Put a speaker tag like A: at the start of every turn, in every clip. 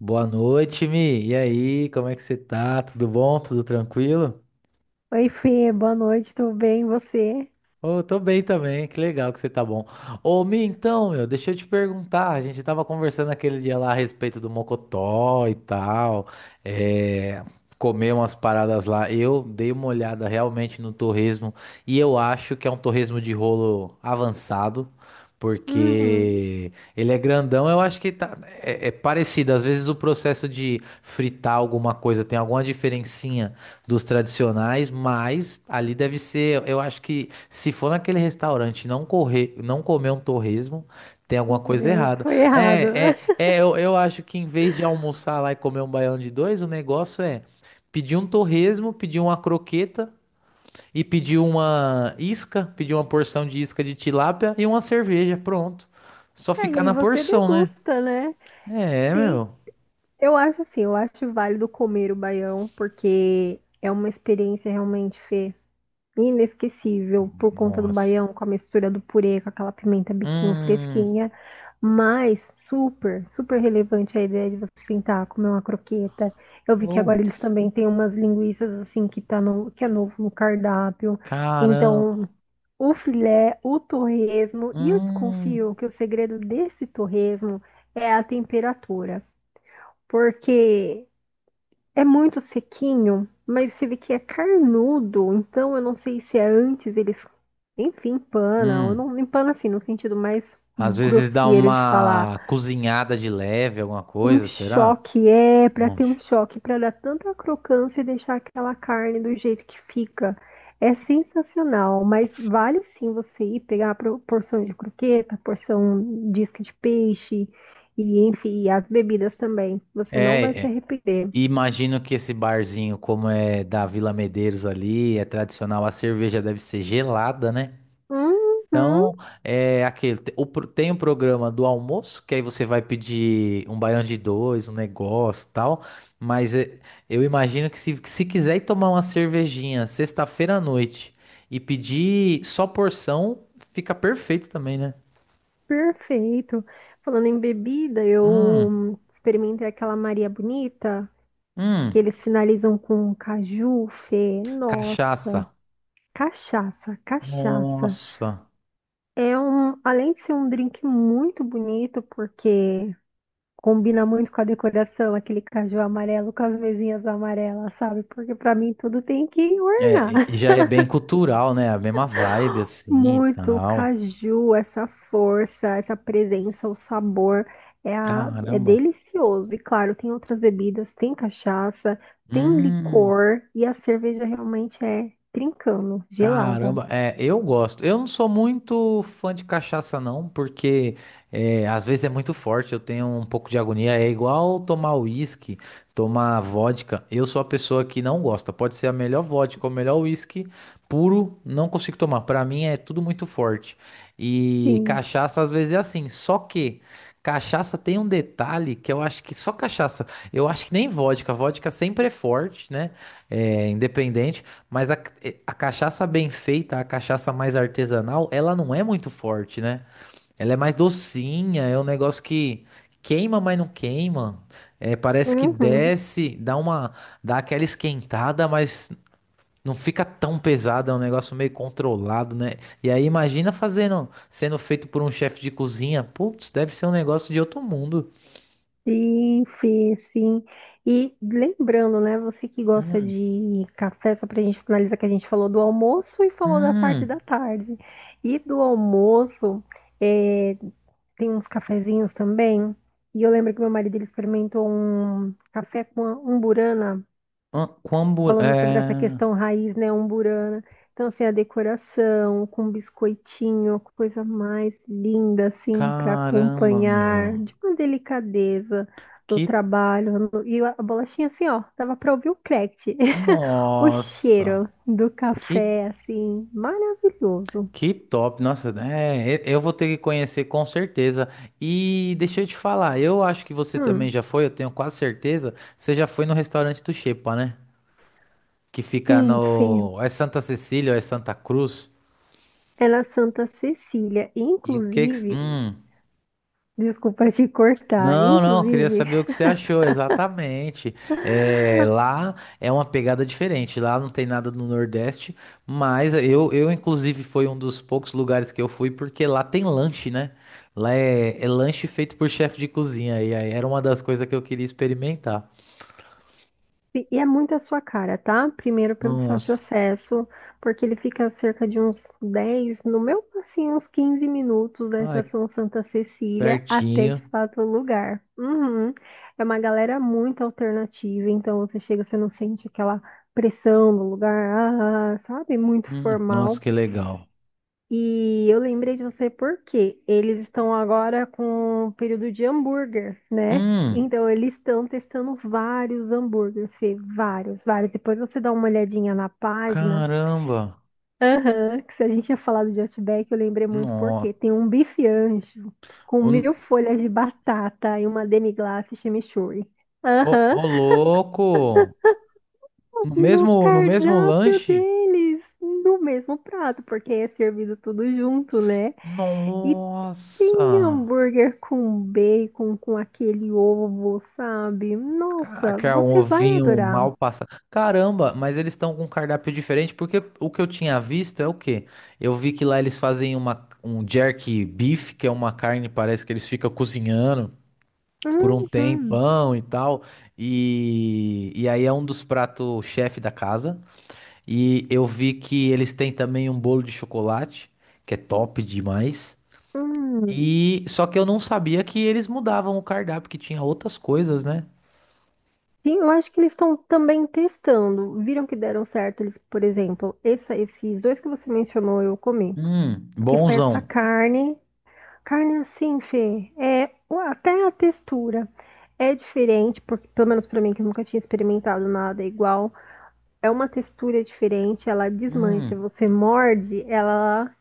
A: Boa noite, Mi. E aí, como é que você tá? Tudo bom? Tudo tranquilo?
B: Oi, Fê, boa noite, tudo bem? E você?
A: Ô, tô bem também, que legal que você tá bom. Ô, Mi, então, meu, deixa eu te perguntar, a gente tava conversando aquele dia lá a respeito do Mocotó e tal, é, comer umas paradas lá. Eu dei uma olhada realmente no torresmo e eu acho que é um torresmo de rolo avançado,
B: Uhum.
A: porque ele é grandão, eu acho que tá, é parecido. Às vezes o processo de fritar alguma coisa tem alguma diferencinha dos tradicionais, mas ali deve ser, eu acho que se for naquele restaurante e não correr, não comer um torresmo, tem alguma
B: Meu
A: coisa
B: Deus,
A: errada.
B: foi errado.
A: É, é, é, eu, eu acho que em vez de almoçar lá e comer um baião de dois, o negócio é pedir um torresmo, pedir uma croqueta e pedir uma isca, pedir uma porção de isca de tilápia e uma cerveja, pronto. Só
B: Ah, e
A: ficar
B: aí
A: na
B: você
A: porção, né?
B: degusta, né?
A: É,
B: Tem,
A: meu.
B: eu acho assim, eu acho válido comer o baião, porque é uma experiência realmente, Fê. Inesquecível por conta do
A: Nossa.
B: baião, com a mistura do purê, com aquela pimenta biquinho
A: Hum.
B: fresquinha, mas super, super relevante a ideia de você sentar, comer uma croqueta. Eu vi que agora eles
A: Putz.
B: também têm umas linguiças assim que tá no, que é novo no cardápio.
A: Caramba.
B: Então, o filé, o torresmo, e eu
A: Hum.
B: desconfio que o segredo desse torresmo é a temperatura, porque é muito sequinho, mas você vê que é carnudo, então eu não sei se é antes eles, enfim, empana, ou
A: Hum.
B: não empana assim, no sentido mais
A: Às vezes dá
B: grosseiro de falar.
A: uma cozinhada de leve, alguma
B: Um
A: coisa, será?
B: choque é para
A: Um-
B: ter um choque, para dar tanta crocância e deixar aquela carne do jeito que fica. É sensacional, mas vale sim você ir pegar a porção de croqueta, porção de isca de peixe e enfim, e as bebidas também. Você não vai
A: É,
B: se
A: é,
B: arrepender.
A: imagino que esse barzinho, como é da Vila Medeiros ali, é tradicional, a cerveja deve ser gelada, né?
B: Uhum.
A: Então, é aquele. Tem o programa do almoço, que aí você vai pedir um baião de dois, um negócio e tal. Mas é, eu imagino que se quiser ir tomar uma cervejinha sexta-feira à noite e pedir só porção, fica perfeito também, né?
B: Perfeito. Falando em bebida,
A: Hum.
B: eu experimentei aquela Maria Bonita, que
A: Hum,
B: eles finalizam com caju, Fê, nossa,
A: cachaça.
B: cachaça, cachaça.
A: Nossa.
B: É um, além de ser um drink muito bonito, porque combina muito com a decoração, aquele caju amarelo com as mesinhas amarelas, sabe? Porque para mim tudo tem que
A: É,
B: ornar.
A: e já é bem cultural, né? A mesma vibe assim e
B: Muito o
A: tal.
B: caju, essa força, essa presença, o sabor é, a- é
A: Caramba.
B: delicioso. E claro, tem outras bebidas, tem cachaça, tem
A: Hum.
B: licor e a cerveja realmente é trincando, gelada.
A: Caramba, é, eu gosto. Eu não sou muito fã de cachaça, não, porque é, às vezes é muito forte, eu tenho um pouco de agonia. É igual tomar uísque, tomar vodka. Eu sou a pessoa que não gosta. Pode ser a melhor vodka ou o melhor uísque puro, não consigo tomar. Pra mim é tudo muito forte. E
B: Sim.
A: cachaça às vezes é assim. Só que cachaça tem um detalhe que eu acho que só cachaça. Eu acho que nem vodka. Vodka sempre é forte, né? É, independente. Mas a cachaça bem feita, a cachaça mais artesanal, ela não é muito forte, né? Ela é mais docinha, é um negócio que queima, mas não queima. É, parece que
B: Uhum.
A: desce, dá uma, dá aquela esquentada, mas não fica tão pesada, é um negócio meio controlado, né? E aí imagina fazendo, sendo feito por um chefe de cozinha. Putz, deve ser um negócio de outro mundo.
B: Sim, sim, sim. E lembrando, né, você que gosta
A: Hum,
B: de café, só pra gente finalizar que a gente falou do almoço e falou da parte da
A: hum,
B: tarde. E do almoço, é, tem uns cafezinhos também. E eu lembro que meu marido ele experimentou um café com amburana,
A: ah, com hambúrguer.
B: falando sobre essa questão
A: É...
B: raiz, né, umburana. Então, assim, a decoração com biscoitinho, coisa mais linda, assim, para
A: Caramba,
B: acompanhar,
A: meu.
B: de uma delicadeza no
A: Que
B: trabalho. E a bolachinha, assim, ó, dava para ouvir o crack. O
A: Nossa,
B: cheiro do
A: que,
B: café, assim, maravilhoso.
A: que top. Nossa, é, eu vou ter que conhecer com certeza. E deixa eu te falar, eu acho que você também
B: Hum,
A: já foi, eu tenho quase certeza. Você já foi no restaurante do Xepa, né? Que fica
B: sim, Fê.
A: no. É Santa Cecília, ou é Santa Cruz.
B: Era Santa Cecília.
A: E o que que.
B: Inclusive,
A: Hum.
B: desculpa te cortar,
A: Não, não, queria
B: inclusive.
A: saber o que você achou exatamente. É, lá é uma pegada diferente, lá não tem nada no Nordeste, mas eu inclusive foi um dos poucos lugares que eu fui porque lá tem lanche, né? Lá é, é lanche feito por chefe de cozinha e aí era uma das coisas que eu queria experimentar.
B: E é muito a sua cara, tá? Primeiro pelo fácil
A: Nossa,
B: acesso, porque ele fica cerca de uns 10, no meu, assim, uns 15 minutos da
A: ai,
B: Estação Santa Cecília até de
A: pertinho.
B: fato o lugar. Uhum. É uma galera muito alternativa, então você chega, você não sente aquela pressão do lugar, ah, sabe? Muito
A: Nossa,
B: formal.
A: que legal.
B: E eu lembrei de você porque eles estão agora com o período de hambúrguer, né?
A: Hum,
B: Então eles estão testando vários hambúrgueres, Fê, vários, vários. Depois você dá uma olhadinha na página.
A: caramba.
B: Aham, que se a gente tinha falado de Outback, eu lembrei muito porque
A: Nossa,
B: tem um bife anjo com
A: ô,
B: mil folhas de batata e uma demi-glace chimichurri.
A: ô
B: Aham,
A: ô louco. No
B: no
A: mesmo, no mesmo
B: cardápio
A: lanche?
B: deles, no mesmo prato, porque é servido tudo junto, né? E tem
A: Nossa!
B: hambúrguer com bacon, com aquele ovo, sabe? Nossa,
A: Caraca, um
B: você vai
A: ovinho
B: adorar.
A: mal passado. Caramba, mas eles estão com um cardápio diferente, porque o que eu tinha visto é o quê? Eu vi que lá eles fazem uma, um jerky beef, que é uma carne, parece que eles ficam cozinhando por um
B: Uhum,
A: tempão e tal. E aí é um dos pratos chefe da casa. E eu vi que eles têm também um bolo de chocolate, que é top demais.
B: uhum.
A: E só que eu não sabia que eles mudavam o cardápio, que tinha outras coisas, né?
B: Sim, eu acho que eles estão também testando. Viram que deram certo eles, por exemplo, esses dois que você mencionou eu comi, que foi essa
A: Bonzão.
B: carne. Carne assim, Fê, é o- até a textura é diferente, porque pelo menos pra mim que eu nunca tinha experimentado nada igual. É uma textura diferente, ela desmancha.
A: Hum,
B: Você morde, ela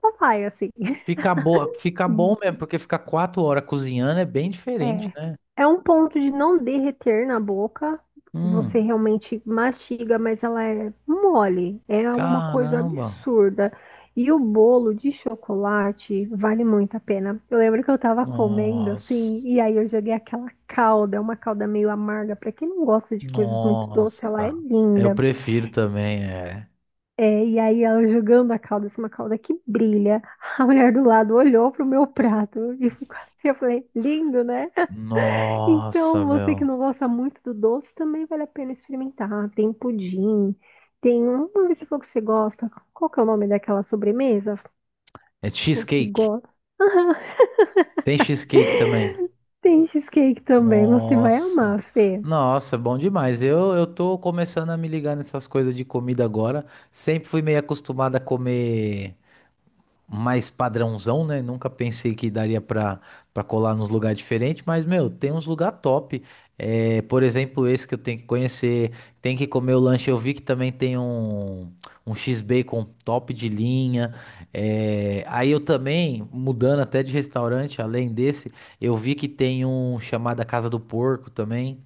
B: só vai assim.
A: fica boa, fica bom mesmo, porque ficar 4 horas cozinhando é bem diferente,
B: É.
A: né?
B: É um ponto de não derreter na boca. Você
A: Hum,
B: realmente mastiga, mas ela é mole. É uma coisa
A: caramba.
B: absurda. E o bolo de chocolate vale muito a pena. Eu lembro que eu tava comendo assim,
A: Nossa.
B: e aí eu joguei aquela calda, é uma calda meio amarga. Pra quem não gosta de coisas muito doces, ela é
A: Nossa. Eu
B: linda.
A: prefiro também, é.
B: É, e aí ela jogando a calda, assim, uma calda que brilha. A mulher do lado olhou pro meu prato e ficou assim, eu falei, lindo, né?
A: Nossa,
B: Então, você que
A: meu.
B: não gosta muito do doce, também vale a pena experimentar. Tem pudim, tem um, vamos ver se for que você gosta. Qual que é o nome daquela sobremesa?
A: É
B: O que
A: cheesecake.
B: gosta?
A: Tem cheesecake também.
B: Tem cheesecake também, você vai
A: Nossa.
B: amar, Fê.
A: Nossa, é bom demais. Eu tô começando a me ligar nessas coisas de comida agora. Sempre fui meio acostumado a comer mais padrãozão, né? Nunca pensei que daria pra, colar nos lugares diferentes, mas, meu, tem uns lugar top. É, por exemplo, esse que eu tenho que conhecer, tem que comer o lanche. Eu vi que também tem um, um X-Bacon top de linha. É, aí eu também, mudando até de restaurante, além desse, eu vi que tem um chamado a Casa do Porco também.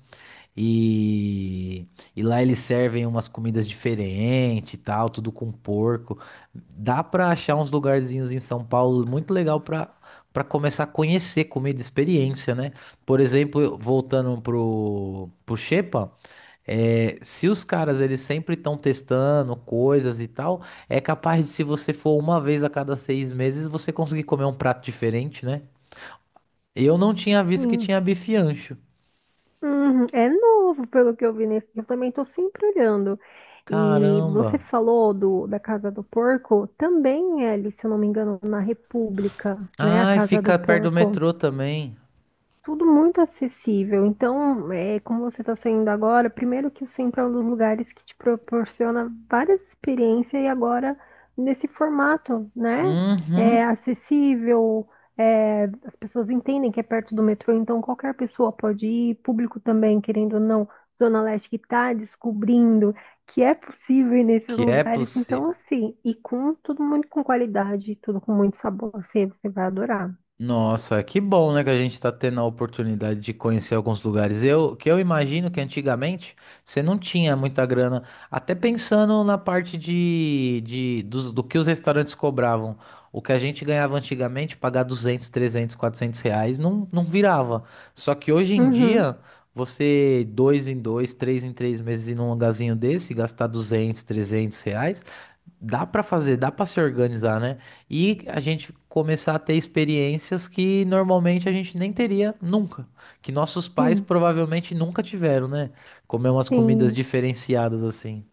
A: E, e lá eles servem umas comidas diferentes e tal, tudo com porco. Dá pra achar uns lugarzinhos em São Paulo muito legal pra, começar a conhecer comida, experiência, né? Por exemplo, voltando pro, Xepa, é, se os caras eles sempre estão testando coisas e tal, é capaz de se você for uma vez a cada 6 meses, você conseguir comer um prato diferente, né? Eu não tinha visto que
B: Sim.
A: tinha bife ancho.
B: Uhum, é novo, pelo que eu vi nesse. Eu também estou sempre olhando. E
A: Caramba!
B: você falou do, da Casa do Porco, também é ali, se eu não me engano, na República, né? A
A: Ai,
B: Casa do
A: fica perto do
B: Porco.
A: metrô também.
B: Tudo muito acessível. Então, é, como você está saindo agora, primeiro que o centro é um dos lugares que te proporciona várias experiências e agora nesse formato, né? É
A: Uhum.
B: acessível, é, as pessoas entendem que é perto do metrô, então qualquer pessoa pode ir, público também, querendo ou não, Zona Leste que está descobrindo que é possível ir nesses
A: Que é
B: lugares. Então,
A: possível.
B: assim, e com tudo muito com qualidade, tudo com muito sabor, Fê, você vai adorar.
A: Nossa, que bom, né, que a gente tá tendo a oportunidade de conhecer alguns lugares. Eu, que eu imagino que antigamente você não tinha muita grana, até pensando na parte do que os restaurantes cobravam. O que a gente ganhava antigamente, pagar R$ 200, R$ 300, R$ 400, não, não virava. Só que hoje em
B: Uhum,
A: dia, você dois em dois, três em três meses ir num lugarzinho desse, gastar R$ 200, R$ 300, dá pra fazer, dá pra se organizar, né? E a gente começar a ter experiências que normalmente a gente nem teria nunca, que nossos pais
B: sim,
A: provavelmente nunca tiveram, né? Comer umas comidas
B: sim.
A: diferenciadas assim.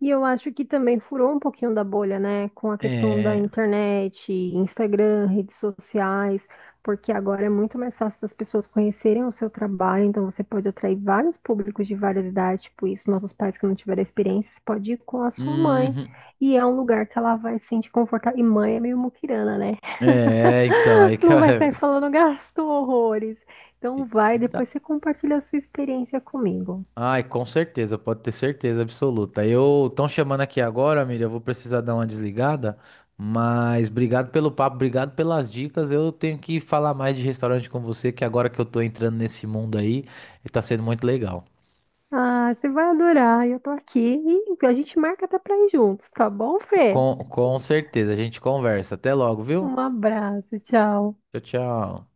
B: E eu acho que também furou um pouquinho da bolha, né? Com a questão da
A: É.
B: internet, Instagram, redes sociais, porque agora é muito mais fácil das pessoas conhecerem o seu trabalho, então você pode atrair vários públicos de várias idades, tipo isso, nossos pais que não tiveram experiência, você pode ir com a sua mãe.
A: Uhum.
B: E é um lugar que ela vai se sentir confortável. E mãe é meio muquirana, né?
A: É, então, aí que
B: Não vai sair falando gasto horrores. Então vai,
A: e dá.
B: depois você compartilha a sua experiência comigo.
A: Ai, com certeza, pode ter certeza absoluta. Eu estão chamando aqui agora, amiga, eu vou precisar dar uma desligada, mas obrigado pelo papo, obrigado pelas dicas. Eu tenho que falar mais de restaurante com você, que agora que eu tô entrando nesse mundo aí, tá sendo muito legal.
B: Ah, você vai adorar. Eu tô aqui e a gente marca até pra ir juntos, tá bom, Fê?
A: Com certeza, a gente conversa. Até logo, viu?
B: Um abraço, tchau.
A: Tchau, tchau.